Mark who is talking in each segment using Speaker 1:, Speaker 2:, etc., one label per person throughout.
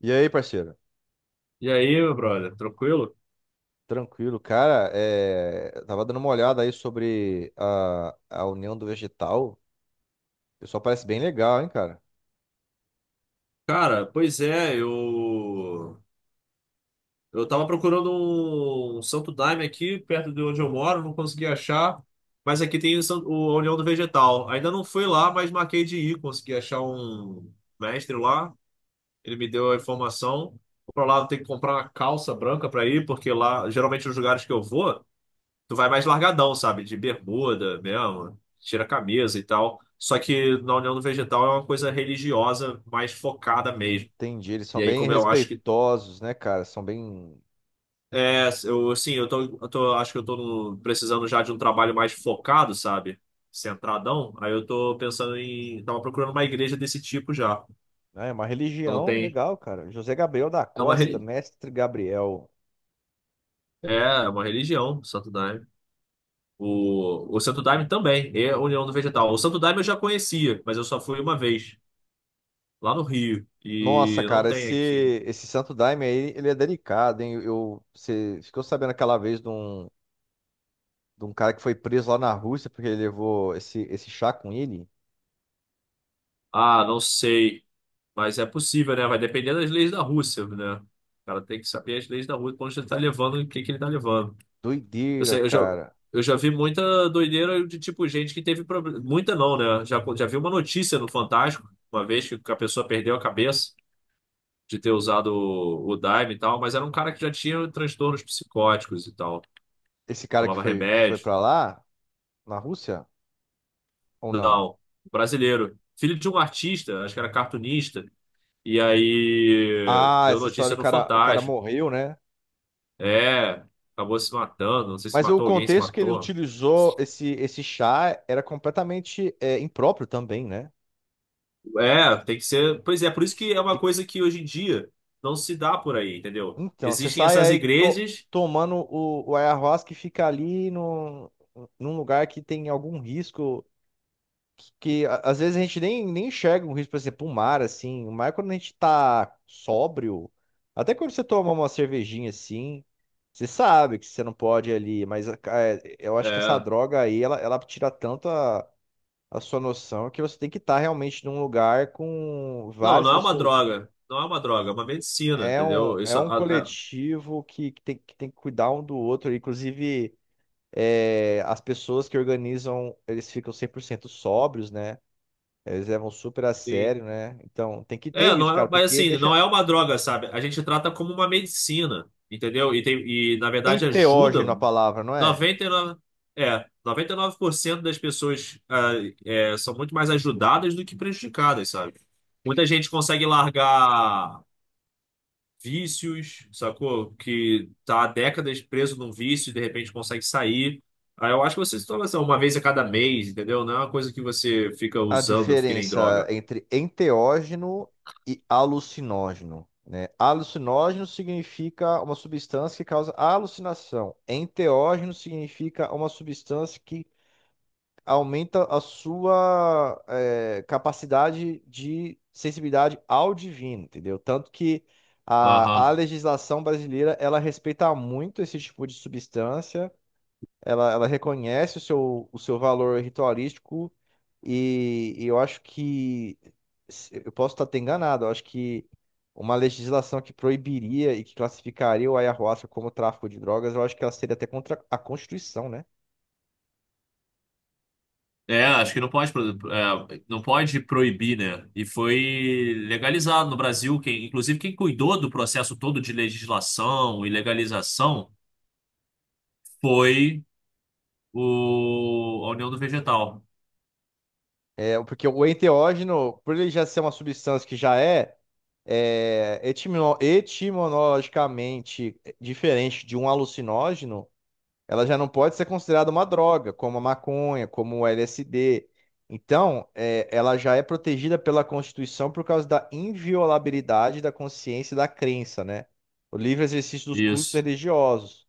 Speaker 1: E aí, parceiro?
Speaker 2: E aí, meu brother, tranquilo?
Speaker 1: Tranquilo, cara. Eu tava dando uma olhada aí sobre a União do Vegetal. O pessoal parece bem legal, hein, cara?
Speaker 2: Cara, pois é, eu tava procurando um Santo Daime aqui perto de onde eu moro, não consegui achar, mas aqui tem a União do Vegetal. Ainda não fui lá, mas marquei de ir, consegui achar um mestre lá, ele me deu a informação. Vou pra lá, eu tenho que comprar uma calça branca pra ir, porque lá, geralmente os lugares que eu vou, tu vai mais largadão, sabe? De bermuda mesmo, tira a camisa e tal. Só que na União do Vegetal é uma coisa religiosa, mais focada mesmo.
Speaker 1: Entendi. Eles são
Speaker 2: E aí,
Speaker 1: bem
Speaker 2: como eu acho que.
Speaker 1: respeitosos, né, cara? São bem.
Speaker 2: É, eu, sim, eu tô, acho que eu tô precisando já de um trabalho mais focado, sabe? Centradão. Aí eu tô pensando em. Tava procurando uma igreja desse tipo já.
Speaker 1: É uma
Speaker 2: Então
Speaker 1: religião
Speaker 2: tem.
Speaker 1: legal, cara. José Gabriel da
Speaker 2: É uma,
Speaker 1: Costa,
Speaker 2: reli-
Speaker 1: mestre Gabriel.
Speaker 2: é, é uma religião, o Santo Daime. O Santo Daime também é a União do Vegetal. O Santo Daime eu já conhecia, mas eu só fui uma vez lá no Rio
Speaker 1: Nossa,
Speaker 2: e não
Speaker 1: cara,
Speaker 2: tem aqui.
Speaker 1: esse Santo Daime aí, ele é delicado, hein? Eu, você ficou sabendo aquela vez de um cara que foi preso lá na Rússia porque ele levou esse chá com ele?
Speaker 2: Ah, não sei, mas é possível, né? Vai depender das leis da Rússia, né? O cara tem que saber as leis da Rússia, pra onde ele tá levando o que que ele tá levando. Eu
Speaker 1: Doideira,
Speaker 2: sei, eu já,
Speaker 1: cara.
Speaker 2: eu já vi muita doideira de tipo gente que teve problema. Muita não, né? Já vi uma notícia no Fantástico, uma vez que a pessoa perdeu a cabeça de ter usado o Daime e tal, mas era um cara que já tinha transtornos psicóticos e tal.
Speaker 1: Esse cara
Speaker 2: Tomava
Speaker 1: que foi
Speaker 2: remédio.
Speaker 1: pra lá, na Rússia, ou não?
Speaker 2: Não, brasileiro. Filho de um artista, acho que era cartunista. E aí
Speaker 1: Ah,
Speaker 2: deu
Speaker 1: essa história,
Speaker 2: notícia no
Speaker 1: o cara
Speaker 2: Fantástico.
Speaker 1: morreu, né?
Speaker 2: É, acabou se matando. Não sei se
Speaker 1: Mas o
Speaker 2: matou alguém, se
Speaker 1: contexto que ele
Speaker 2: matou.
Speaker 1: utilizou esse chá era completamente impróprio também, né?
Speaker 2: É, tem que ser. Pois é, por
Speaker 1: Tem
Speaker 2: isso
Speaker 1: que-
Speaker 2: que é uma
Speaker 1: tem-
Speaker 2: coisa que hoje em dia não se dá por aí, entendeu?
Speaker 1: Então, você
Speaker 2: Existem
Speaker 1: sai
Speaker 2: essas
Speaker 1: aí
Speaker 2: igrejas.
Speaker 1: tomando o ayahuasca e fica ali no, num lugar que tem algum risco que, às vezes a gente nem enxerga um risco, por exemplo, o mar, assim. O mar, quando a gente tá sóbrio, até quando você toma uma cervejinha assim, você sabe que você não pode ir ali, mas é, eu acho que essa
Speaker 2: É,
Speaker 1: droga aí, ela tira tanto a sua noção que você tem que estar realmente num lugar com
Speaker 2: não,
Speaker 1: várias
Speaker 2: não é uma
Speaker 1: pessoas.
Speaker 2: droga. Não é uma droga, é uma medicina, entendeu?
Speaker 1: É
Speaker 2: Isso,
Speaker 1: um
Speaker 2: a-
Speaker 1: coletivo que, que tem que cuidar um do outro, inclusive. É, as pessoas que organizam, eles ficam 100% sóbrios, né? Eles levam super a
Speaker 2: tem-
Speaker 1: sério, né? Então tem que ter
Speaker 2: é, não
Speaker 1: isso,
Speaker 2: é,
Speaker 1: cara,
Speaker 2: mas
Speaker 1: porque
Speaker 2: assim,
Speaker 1: deixa
Speaker 2: não é uma droga, sabe? A gente trata como uma medicina, entendeu? E, tem, e na verdade
Speaker 1: enteógeno a
Speaker 2: ajuda
Speaker 1: palavra, não é?
Speaker 2: 99, 99% das pessoas, são muito mais ajudadas do que prejudicadas, sabe? Muita gente consegue largar vícios, sacou? Que tá há décadas preso num vício e de repente consegue sair. Aí eu acho que você se torna assim, uma vez a cada mês, entendeu? Não é uma coisa que você fica
Speaker 1: A
Speaker 2: usando, que nem
Speaker 1: diferença
Speaker 2: droga.
Speaker 1: entre enteógeno e alucinógeno, né? Alucinógeno significa uma substância que causa alucinação. Enteógeno significa uma substância que aumenta a sua capacidade de sensibilidade ao divino, entendeu? Tanto que a
Speaker 2: Aham.
Speaker 1: legislação brasileira, ela respeita muito esse tipo de substância, ela reconhece o seu valor ritualístico e eu acho que, eu posso estar até enganado, eu acho que uma legislação que proibiria e que classificaria o ayahuasca como tráfico de drogas, eu acho que ela seria até contra a Constituição, né?
Speaker 2: É, acho que não pode, não pode proibir, né? E foi legalizado no Brasil. Quem, inclusive, quem cuidou do processo todo de legislação e legalização foi a União do Vegetal.
Speaker 1: É, porque o enteógeno, por ele já ser uma substância que etimologicamente diferente de um alucinógeno, ela já não pode ser considerada uma droga, como a maconha, como o LSD. Então, é, ela já é protegida pela Constituição por causa da inviolabilidade da consciência e da crença, né? O livre exercício dos cultos
Speaker 2: Isso.
Speaker 1: religiosos.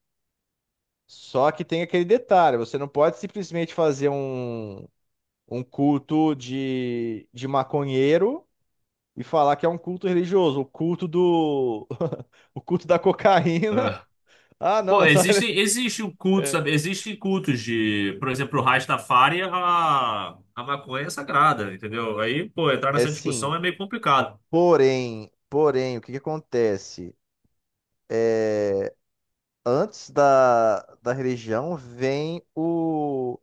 Speaker 1: Só que tem aquele detalhe, você não pode simplesmente fazer um culto de maconheiro e falar que é um culto religioso, o culto do o culto da cocaína.
Speaker 2: É.
Speaker 1: Ah, não,
Speaker 2: Pô,
Speaker 1: essa
Speaker 2: existem cultos, sabe?
Speaker 1: é,
Speaker 2: Existem cultos de, por exemplo, o Rastafari, a maconha é sagrada, entendeu? Aí, pô, entrar
Speaker 1: é
Speaker 2: nessa
Speaker 1: sim.
Speaker 2: discussão é meio complicado.
Speaker 1: Porém, porém, o que que acontece? É, antes da religião vem o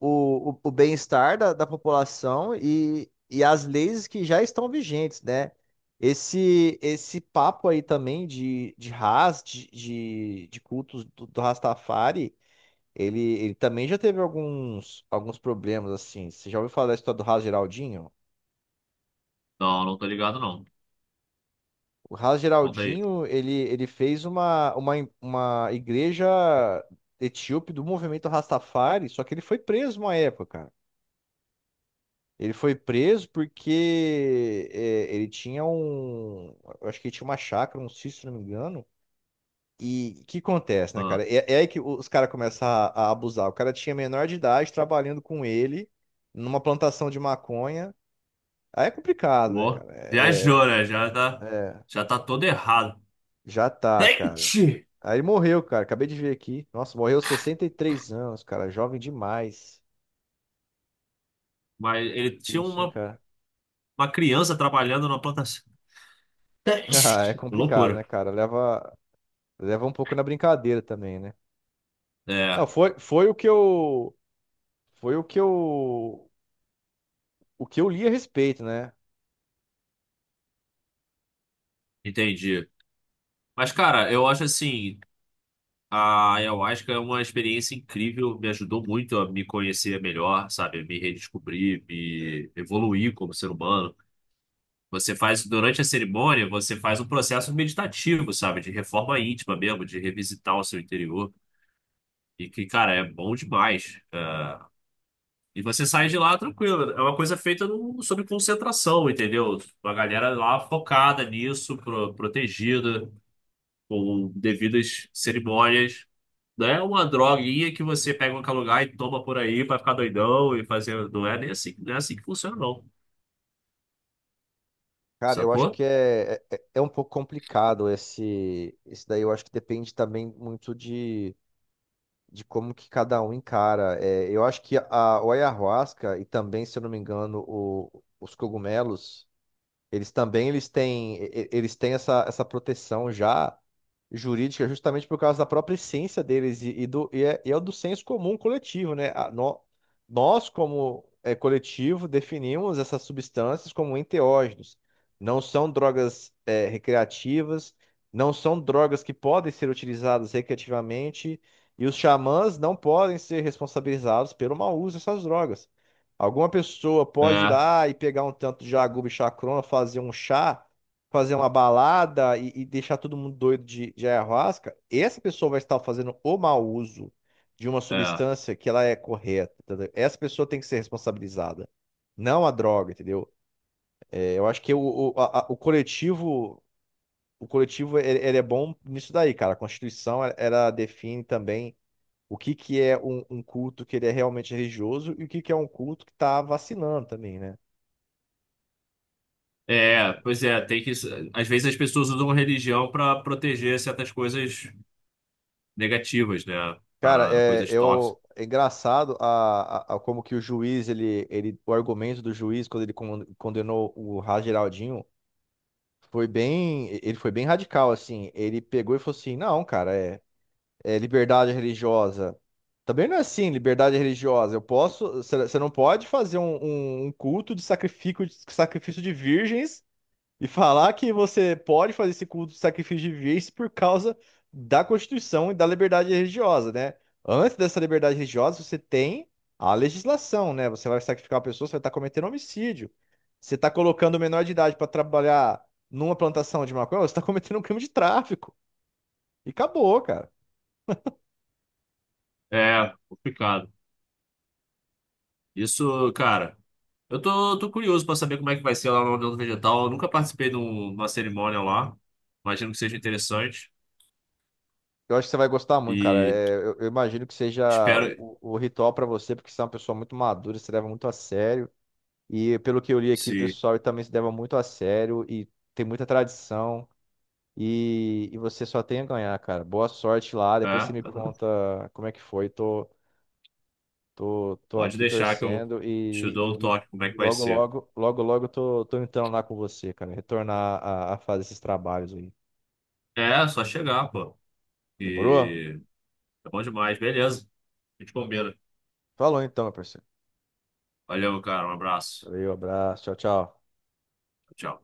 Speaker 1: o, o, o bem-estar da população e as leis que já estão vigentes, né? Esse papo aí também de Haas, de cultos do Rastafari, ele também já teve alguns, alguns problemas, assim. Você já ouviu falar da história do Haas Geraldinho?
Speaker 2: Não, não tô ligado, não.
Speaker 1: O Haas
Speaker 2: Conta aí.
Speaker 1: Geraldinho, ele fez uma igreja etíope do movimento Rastafari, só que ele foi preso uma época. Ele foi preso porque é, ele tinha um. Eu acho que ele tinha uma chácara, um sítio, se não me engano. E o que acontece, né, cara? É aí que os caras começam a abusar. O cara tinha menor de idade trabalhando com ele numa plantação de maconha. Aí é complicado, né,
Speaker 2: Pô,
Speaker 1: cara?
Speaker 2: viajou, né? Já tá,
Speaker 1: É, é,
Speaker 2: já tá todo errado.
Speaker 1: já tá, cara.
Speaker 2: Gente!
Speaker 1: Aí ele morreu, cara. Acabei de ver aqui. Nossa, morreu aos 63 anos, cara. Jovem demais.
Speaker 2: Mas ele tinha
Speaker 1: Triste, hein,
Speaker 2: uma,
Speaker 1: cara?
Speaker 2: uma criança trabalhando na plantação.
Speaker 1: Ah, é
Speaker 2: Gente!
Speaker 1: complicado,
Speaker 2: Loucura.
Speaker 1: né, cara? Leva um pouco na brincadeira também, né? Não,
Speaker 2: É,
Speaker 1: foi o que eu, foi o que eu li a respeito, né?
Speaker 2: entendi. Mas, cara, eu acho assim, a ayahuasca é uma experiência incrível, me ajudou muito a me conhecer melhor, sabe? Me redescobrir, me evoluir como ser humano. Você faz, durante a cerimônia, você faz um processo meditativo, sabe? De reforma íntima mesmo, de revisitar o seu interior. E que, cara, é bom demais. E você sai de lá tranquilo. É uma coisa feita no, sob concentração, entendeu? A galera lá focada nisso, protegida, com devidas cerimônias. Não é uma droguinha que você pega em qualquer lugar e toma por aí pra ficar doidão e fazer. Não é nem assim, não é assim que funciona, não.
Speaker 1: Cara, eu acho
Speaker 2: Sacou?
Speaker 1: que é um pouco complicado esse daí. Eu acho que depende também muito de como que cada um encara. É, eu acho que a, o ayahuasca e também, se eu não me engano, os cogumelos eles também eles têm essa proteção já jurídica justamente por causa da própria essência deles e é do senso comum coletivo, né? Nós, como é, coletivo, definimos essas substâncias como enteógenos. Não são drogas recreativas, não são drogas que podem ser utilizadas recreativamente, e os xamãs não podem ser responsabilizados pelo mau uso dessas drogas. Alguma pessoa pode ir
Speaker 2: É,
Speaker 1: lá e pegar um tanto de jaguba e chacrona, fazer um chá, fazer uma balada e deixar todo mundo doido de ayahuasca. Essa pessoa vai estar fazendo o mau uso de uma
Speaker 2: é.
Speaker 1: substância que ela é correta. Entendeu? Essa pessoa tem que ser responsabilizada, não a droga, entendeu? É, eu acho que o coletivo ele é bom nisso daí, cara. A Constituição ela define também o que que é um, um culto que ele é realmente religioso e o que que é um culto que está vacinando também, né?
Speaker 2: É, pois é, tem que. Às vezes as pessoas usam a religião pra proteger certas coisas negativas, né?
Speaker 1: Cara,
Speaker 2: Para
Speaker 1: é,
Speaker 2: coisas tóxicas.
Speaker 1: eu, é engraçado a como que o juiz, o argumento do juiz quando ele condenou o Ra Geraldinho foi bem, ele foi bem radical, assim. Ele pegou e falou assim, não, cara, é, é liberdade religiosa. Também não é assim, liberdade religiosa. Eu posso, você não pode fazer um culto de sacrifício, de sacrifício de virgens e falar que você pode fazer esse culto de sacrifício de fiéis por causa da Constituição e da liberdade religiosa, né? Antes dessa liberdade religiosa, você tem a legislação, né? Você vai sacrificar uma pessoa, você vai estar cometendo homicídio. Você está colocando o menor de idade para trabalhar numa plantação de maconha, você está cometendo um crime de tráfico. E acabou, cara.
Speaker 2: É, complicado. Isso, cara, eu tô curioso pra saber como é que vai ser lá no União do Vegetal. Eu nunca participei de uma cerimônia lá. Imagino que seja interessante.
Speaker 1: Eu acho que você vai gostar muito, cara.
Speaker 2: E
Speaker 1: É, eu imagino que seja
Speaker 2: espero
Speaker 1: o ritual para você, porque você é uma pessoa muito madura, você leva muito a sério. E pelo que eu li aqui, o
Speaker 2: se.
Speaker 1: pessoal também se leva muito a sério e tem muita tradição. E você só tem a ganhar, cara. Boa sorte lá. Depois você
Speaker 2: É,
Speaker 1: me conta como é que foi. Tô
Speaker 2: pode
Speaker 1: aqui
Speaker 2: deixar que eu
Speaker 1: torcendo
Speaker 2: te dou o
Speaker 1: e
Speaker 2: toque como é que vai ser.
Speaker 1: logo tô entrando lá com você, cara. Retornar a fazer esses trabalhos aí.
Speaker 2: É, só chegar, pô.
Speaker 1: Demorou?
Speaker 2: E é bom demais, beleza. A gente combina.
Speaker 1: Falou então, meu parceiro.
Speaker 2: Valeu, cara. Um abraço.
Speaker 1: Valeu, abraço. Tchau, tchau.
Speaker 2: Tchau.